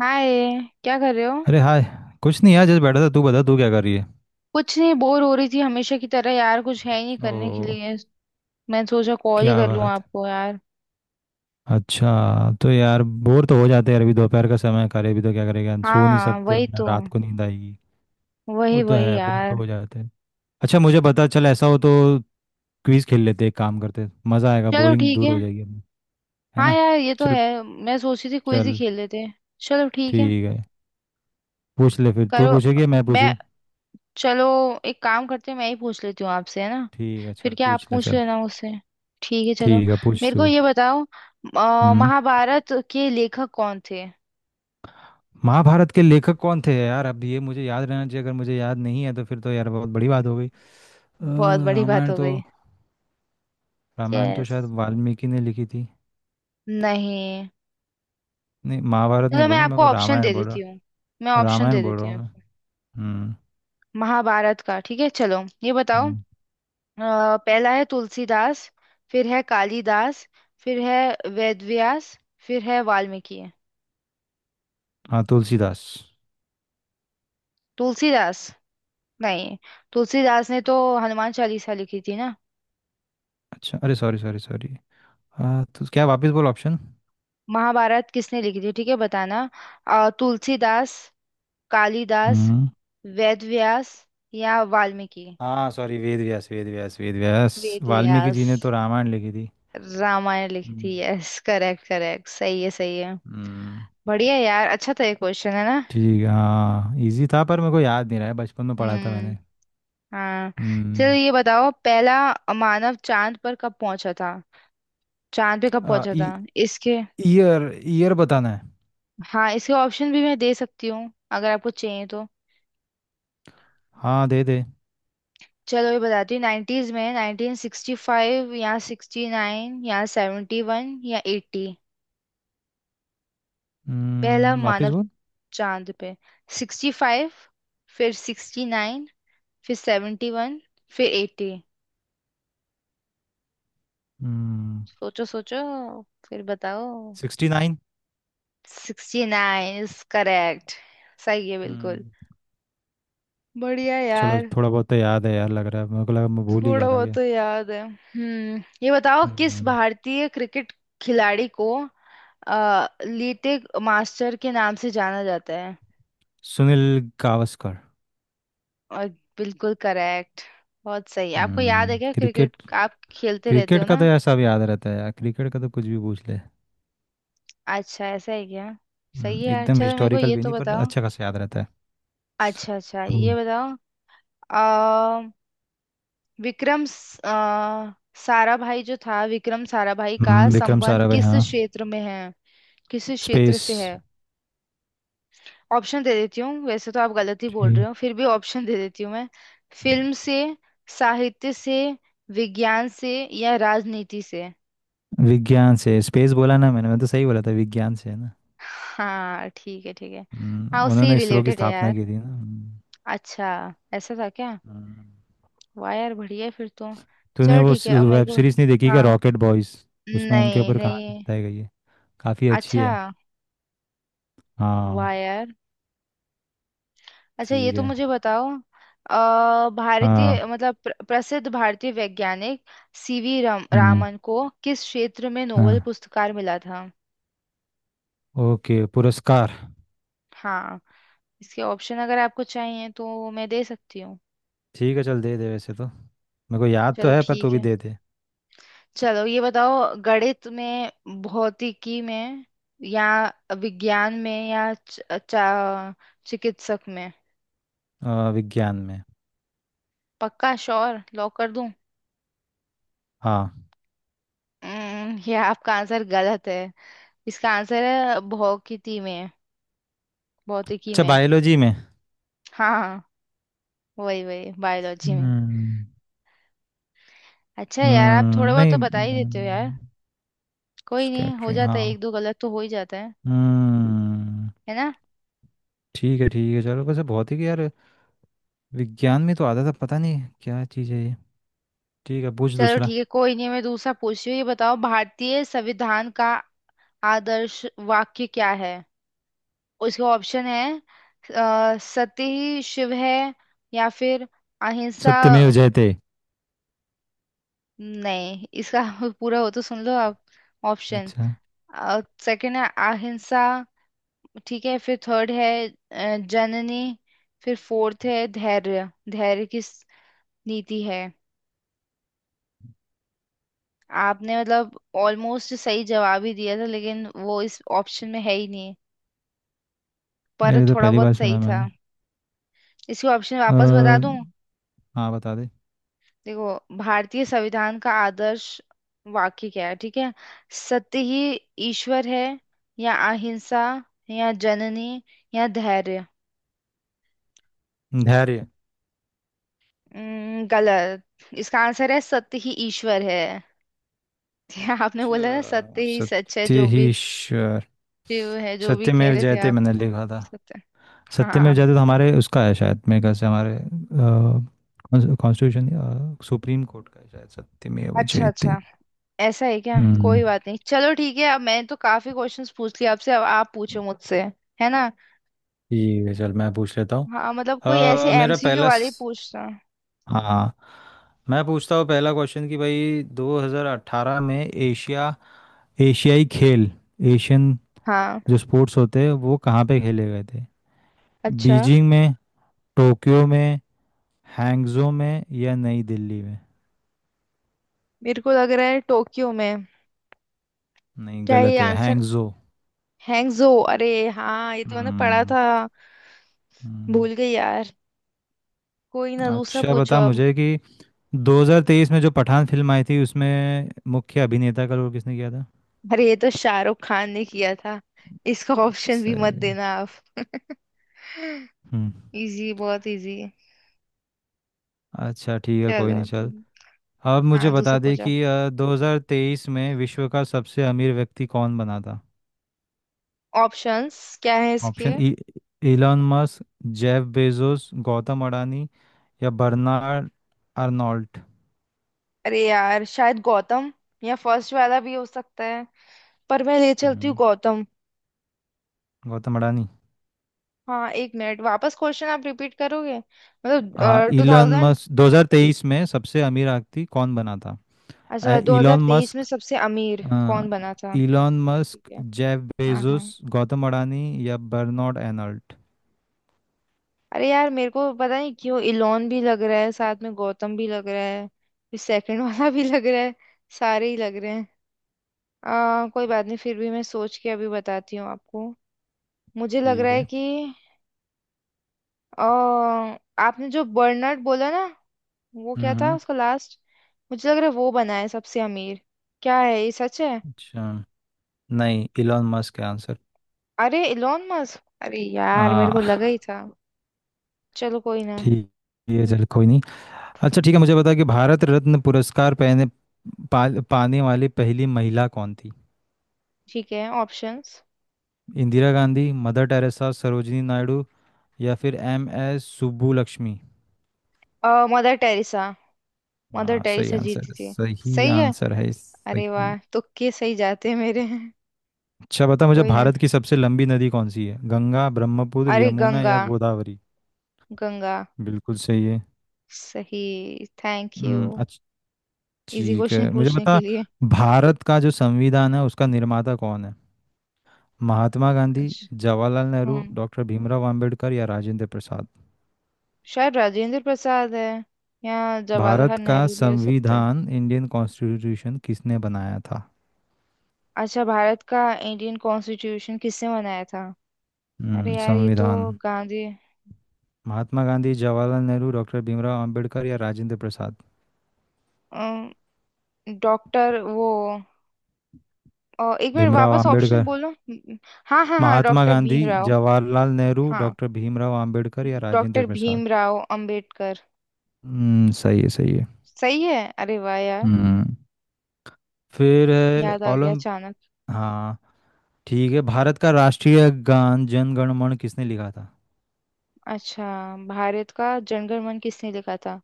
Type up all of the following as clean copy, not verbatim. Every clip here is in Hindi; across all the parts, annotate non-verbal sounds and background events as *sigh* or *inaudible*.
हाय, क्या कर रहे हो? अरे हाय। कुछ नहीं यार, जस्ट बैठा था, तू बता तू क्या कर रही है। कुछ नहीं, बोर हो रही थी हमेशा की तरह। यार कुछ है ही नहीं करने के ओ, लिए। मैं सोचा कॉल ही क्या कर लूं बात है। आपको यार। अच्छा तो यार बोर तो हो जाते हैं यार, अभी दोपहर का समय है, करे भी तो क्या करेगा, सो नहीं हाँ सकते और वही ना तो। रात को नींद आएगी। वो वही तो वही है, बोर यार। तो हो जाते हैं। अच्छा मुझे पता चल, ऐसा हो तो क्विज खेल लेते हैं, एक काम करते हैं, मज़ा आएगा, चलो बोरिंग ठीक दूर है। हो जाएगी अपनी, है हाँ ना। यार ये तो चल है, मैं सोच रही थी क्विज ही चल, खेल लेते हैं। चलो ठीक है। ठीक है पूछ ले, फिर तू करो। पूछेगी या मैं मैं। पूछूं। चलो। एक काम करते हैं, मैं ही पूछ लेती हूँ आपसे, है ना? ठीक है चल फिर क्या आप पूछ ले पूछ चल। लेना मुझसे। ठीक है चलो। ठीक है पूछ मेरे को तू। ये बताओ। हम्म। महाभारत के लेखक कौन थे? महाभारत के लेखक कौन थे यार, अब ये मुझे याद रहना चाहिए, अगर मुझे याद नहीं है तो फिर तो यार बहुत बड़ी बात हो गई। बहुत बड़ी बात रामायण हो तो गई। रामायण तो यस। शायद वाल्मीकि ने लिखी थी। नहीं। नहीं, महाभारत नहीं चलो बोल मैं रहा आपको मैं, ऑप्शन दे रामायण बोल देती हूँ। रहा। मैं ऑप्शन रामायण दे बोल देती रहा हूँ हूँ मैं। आपको। हम्म। महाभारत का, ठीक है चलो ये बताओ। हम्म। पहला है तुलसीदास, फिर है कालिदास, फिर है वेदव्यास, फिर है वाल्मीकि। हाँ तुलसीदास। तुलसीदास? नहीं, तुलसीदास ने तो हनुमान चालीसा लिखी थी ना। अच्छा, अरे सॉरी सॉरी सॉरी। हाँ तो क्या, वापस बोल ऑप्शन। महाभारत किसने लिखी थी, ठीक है बताना। तुलसीदास, कालिदास, हम्म। वेदव्यास या वाल्मीकि। हाँ सॉरी, वेद व्यास वेद व्यास वेद व्यास। वाल्मीकि वेदव्यास। जी ने तो रामायण लिखी थी। रामायण लिखी हम्म। थी, यस। करेक्ट करेक्ट, सही है सही है। हम्म। बढ़िया यार, अच्छा था ये क्वेश्चन, है ना। ठीक है, हाँ इजी था पर मेरे को याद नहीं रहा है, बचपन में पढ़ा था हम्म, मैंने। हाँ। चलो हम्म। ये बताओ, पहला मानव चांद पर कब पहुंचा था? चांद पे कब आ, पहुंचा था? ई- इसके, ईयर ईयर बताना है। हाँ इसके ऑप्शन भी मैं दे सकती हूँ अगर आपको चाहिए तो। हाँ दे दे। चलो ये बताती हूँ। नाइन्टीज में, 1965 या 69 या 71 या 80। पहला हम्म, वापस मानव बोल। चांद पे, 65, फिर 69, फिर 71, फिर 80। हम्म। सोचो सोचो, फिर बताओ। Sixty nine. 69 इज करेक्ट, सही है बिल्कुल। हम्म। बढ़िया चलो यार। थोड़ा बहुत तो याद है यार, लग रहा है, मेरे को लगा मैं भूल ही थोड़ा गया था बहुत क्या। तो याद है, हम्म। ये बताओ, किस हम्म। भारतीय क्रिकेट खिलाड़ी को लीटे मास्टर के नाम से जाना जाता है? सुनील गावस्कर। और, बिल्कुल करेक्ट। बहुत सही। आपको याद है हम्म, क्या क्रिकेट? क्रिकेट। आप खेलते रहते क्रिकेट हो का ना। तो यार सब याद रहता है यार, क्रिकेट का तो कुछ भी पूछ ले। अच्छा ऐसा है क्या। सही है यार। एकदम चलो मेरे को हिस्टोरिकल ये भी तो नहीं पर बताओ। अच्छा खासा याद रहता है। अच्छा अच्छा, ये हम्म। बताओ। विक्रम स- अ, साराभाई जो था, विक्रम साराभाई का विक्रम संबंध साराभाई, किस हाँ। क्षेत्र में है? किस क्षेत्र स्पेस। से है? ऑप्शन दे देती हूँ, वैसे तो आप गलत ही बोल रहे ठीक। हो, फिर भी ऑप्शन दे देती हूँ मैं। फिल्म से, साहित्य से, विज्ञान से या राजनीति से। विज्ञान से, स्पेस बोला ना मैंने, मैं तो सही बोला था, विज्ञान से, है ना। हाँ ठीक है ठीक है। हाँ उससे ही उन्होंने इसरो की रिलेटेड है स्थापना यार। की थी ना। हम्म। अच्छा, ऐसा था क्या। हम्म। वाह यार, बढ़िया है फिर तो। तूने चलो वो ठीक है। अब मेरे वेब को, सीरीज नहीं देखी क्या, हाँ रॉकेट बॉयज। उसमें उनके नहीं ऊपर कहानी नहीं। बताई गई है, काफ़ी अच्छी अच्छा। है। हाँ। वाह यार। अच्छा ये ठीक तो है। मुझे बताओ। भारतीय हाँ। मतलब प्रसिद्ध भारतीय वैज्ञानिक हम्म। रामन को किस क्षेत्र में नोबेल हाँ। पुरस्कार मिला था? ओके, पुरस्कार। हाँ इसके ऑप्शन अगर आपको चाहिए तो मैं दे सकती हूँ। ठीक है चल दे दे, वैसे तो मेरे को याद तो चलो है पर तू ठीक भी है। दे दे। चलो ये बताओ, गणित में, भौतिकी में, या विज्ञान में, या चा- चिकित्सक में। विज्ञान में। पक्का श्योर? लॉक कर दूं? हाँ। हम्म। *laughs* ये आपका आंसर गलत है। इसका आंसर है भौतिकी में, भौतिकी अच्छा में। बायोलॉजी में। हाँ हाँ, वही वही, बायोलॉजी में। हम्म। अच्छा है यार, आप थोड़ा बहुत नहीं। तो बता ही देते हो यार। कोई नहीं, हो स्कैटरिंग, जाता है, हाँ। एक दो गलत तो हो ही जाता है हम्म। है ना। ठीक है ठीक है, चलो वैसे बहुत ही यार, विज्ञान में तो आता था, पता नहीं क्या चीज़ है ये। ठीक है पूछ चलो दूसरा। ठीक है, कोई नहीं, मैं दूसरा पूछ रही हूँ। ये बताओ, भारतीय संविधान का आदर्श वाक्य क्या है? उसके ऑप्शन है, सत्य ही शिव है, या फिर अहिंसा। सत्यमेव जयते। नहीं, इसका *laughs* पूरा हो तो सुन लो आप ऑप्शन। अच्छा। सेकंड है अहिंसा, ठीक है, फिर थर्ड है जननी, फिर फोर्थ है धैर्य धैर्य की स- नीति है। आपने मतलब ऑलमोस्ट सही जवाब ही दिया था, लेकिन वो इस ऑप्शन में है ही नहीं। यार पर ये तो थोड़ा पहली बार बहुत सही सुना था। मैंने। इसके ऑप्शन वापस बता अ, दूं। हाँ बता दे। देखो, भारतीय संविधान का आदर्श वाक्य क्या है, ठीक है। सत्य ही ईश्वर है, या अहिंसा, या जननी, या धैर्य। धैर्य। गलत। इसका आंसर है सत्य ही ईश्वर है। *laughs* क्या आपने अच्छा, बोला था, सत्य ही सच है सत्य जो ही भी, ईश्वर। शिव है जो भी कह सत्यमेव रहे थे जयते आप। मैंने लिखा था। सत्य, सत्यमेव हाँ। जयते तो हमारे उसका है शायद, मेरे ख्याल से हमारे कॉन्स्टिट्यूशन सुप्रीम कोर्ट का है शायद सत्यमेव अच्छा जयते। अच्छा, ऐसा है क्या। हम्म। कोई बात नहीं, चलो ठीक है। अब मैंने तो काफी क्वेश्चंस पूछ लिए आपसे, अब आप पूछो मुझसे, है ना। ठीक है चल मैं पूछ लेता हूँ। हाँ मतलब कोई ऐसे अ, मेरा MCQ पहला वाले स- पूछना। हाँ मैं पूछता हूँ पहला क्वेश्चन कि भाई 2018 में एशिया एशियाई खेल एशियन, हाँ। जो स्पोर्ट्स होते हैं वो कहाँ पे खेले गए थे। अच्छा, बीजिंग में, टोक्यो में, हैंगजो में या नई दिल्ली में। मेरे को लग रहा है टोक्यो में। नहीं क्या, ये गलत है, आंसर हैंगजो। हैंगजो? अरे हाँ, ये तो मैंने पढ़ा हम्म। था। हम्म। भूल गई यार। कोई ना, दूसरा अच्छा पूछो बता अब। मुझे कि 2023 में जो पठान फिल्म आई थी उसमें मुख्य अभिनेता का रोल किसने किया था। अरे ये तो शाहरुख खान ने किया था। इसका ऑप्शन भी मत सही है। देना आप। *laughs* हम्म। इजी, बहुत इजी। अच्छा ठीक है, कोई चलो। नहीं चल। आप मुझे हाँ बता दूसरा दें पूछो। कि 2023 में विश्व का सबसे अमीर व्यक्ति कौन बना था। ऑप्शंस क्या है इसके? ऑप्शन ई, Elon Musk, Jeff Bezos, Gautam Adani या बर्नार्ड अर्नोल्ट। अरे यार शायद गौतम, या फर्स्ट वाला भी हो सकता है। पर मैं ले चलती हूँ हम्म, गौतम। गौतम अडानी। हाँ एक मिनट, वापस क्वेश्चन आप रिपीट करोगे? हाँ, मतलब टू इलॉन थाउजेंड मस्क 2023 में सबसे अमीर व्यक्ति कौन बना था। अच्छा, दो हजार इलॉन तेईस में मस्क सबसे अमीर कौन बना था? इलॉन ठीक मस्क है। जेफ हाँ हाँ। बेजोस, गौतम अडानी या बर्नार्ड अर्नोल्ट। अरे यार मेरे को पता नहीं क्यों इलोन भी लग रहा है, साथ में गौतम भी लग रहा है, फिर सेकंड *laughs* वाला भी लग रहा है, सारे ही लग रहे हैं। कोई बात नहीं, फिर भी मैं सोच के अभी बताती हूँ आपको। मुझे लग ठीक रहा है है। कि आ, आपने जो बर्नर्ड बोला ना, वो क्या था हम्म। उसका लास्ट। मुझे लग रहा है वो बना है सबसे अमीर। क्या है, ये सच है? अच्छा। नहीं, इलॉन मस्क है आंसर। अरे इलोन मस्क, अरे यार मेरे को हाँ। लगा ही था। चलो कोई ना। ठीक है चल, कोई नहीं। अच्छा ठीक है मुझे बता कि भारत रत्न पुरस्कार पाने वाली पहली महिला कौन थी। ठीक है। Options. Indira Gandhi, Mother Teresa, Sarojini Naidu या फिर M S Subbulakshmi. Mother Teresa. Mother हाँ सही टेरेसा जीती आंसर, थी। सही सही है। आंसर है, अरे सही। वाह, तुक्के सही जाते हैं मेरे। अच्छा बता मुझे, कोई ना। भारत की सबसे लंबी नदी कौन सी है, गंगा, ब्रह्मपुत्र, अरे यमुना गंगा, या गोदावरी। गंगा। बिल्कुल सही है। सही। थैंक यू हम्म, अच्छा इजी ठीक क्वेश्चन है, मुझे पूछने के बता लिए। भारत का जो संविधान है उसका निर्माता कौन है। महात्मा गांधी, अच्छा। जवाहरलाल नेहरू, हम्म, डॉक्टर भीमराव अंबेडकर या राजेंद्र प्रसाद। शायद राजेंद्र प्रसाद है, या भारत जवाहरलाल का नेहरू भी हो सकता है। संविधान, इंडियन कॉन्स्टिट्यूशन किसने बनाया था। अच्छा, भारत का इंडियन कॉन्स्टिट्यूशन किसने बनाया था? अरे यार ये तो संविधान। गांधी। महात्मा गांधी, जवाहरलाल नेहरू, डॉक्टर भीमराव अंबेडकर या राजेंद्र प्रसाद। डॉक्टर वो, एक बार भीमराव वापस ऑप्शन अंबेडकर। बोलो। हाँ हाँ हाँ, महात्मा डॉक्टर गांधी, भीमराव। जवाहरलाल नेहरू, हाँ डॉक्टर भीमराव अंबेडकर या राजेंद्र डॉक्टर प्रसाद। भीमराव अंबेडकर। सही है सही है। सही है अरे वाह यार। हम्म, फिर है याद आ गया ओलम। अचानक। हाँ। ठीक है, भारत का राष्ट्रीय गान जन गण मन किसने लिखा था। अच्छा, भारत का जनगण मन किसने लिखा था?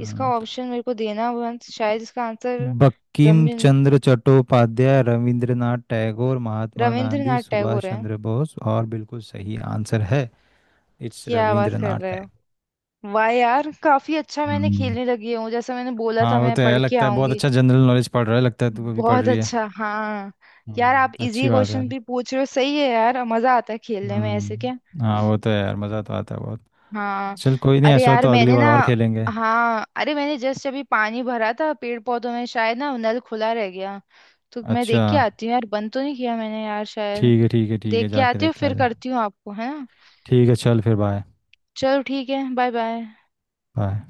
इसका ऑप्शन मेरे को देना। वंश शायद इसका आंसर। बंकिम रमिन- चंद्र चट्टोपाध्याय, रविंद्रनाथ टैगोर, महात्मा गांधी, रविंद्रनाथ टैगोर सुभाष है। चंद्र बोस, और बिल्कुल सही आंसर है। इट्स क्या आवाज कर रविंद्रनाथ रहे हो। टैगोर। वाह यार काफी अच्छा मैंने हम्म। खेलने लगी हूँ, जैसा मैंने बोला था हाँ वो मैं तो पढ़ है, के लगता है बहुत आऊंगी। अच्छा जनरल नॉलेज पढ़ रहा है, लगता है तू अभी पढ़ बहुत रही है। अच्छा, हाँ। यार आप हम्म, इजी अच्छी बात है क्वेश्चन यार। भी पूछ रहे हो, सही है यार, मजा आता है खेलने में ऐसे, क्या। हम्म, हाँ वो तो है यार, मज़ा तो आता है बहुत। हाँ। चल कोई नहीं, अरे ऐसा हो यार तो अगली मैंने बार ना, और खेलेंगे। हाँ, अरे मैंने जस्ट अभी पानी भरा था पेड़ पौधों में, शायद ना नल खुला रह गया, तो मैं अच्छा देख के आती हूँ यार। बंद तो नहीं किया मैंने यार शायद। ठीक है ठीक है ठीक है, देख के जाके आती हूँ, देख के आ फिर जा। करती हूँ आपको, है ना। ठीक है चल फिर बाय। चलो ठीक है, बाय बाय। बाय।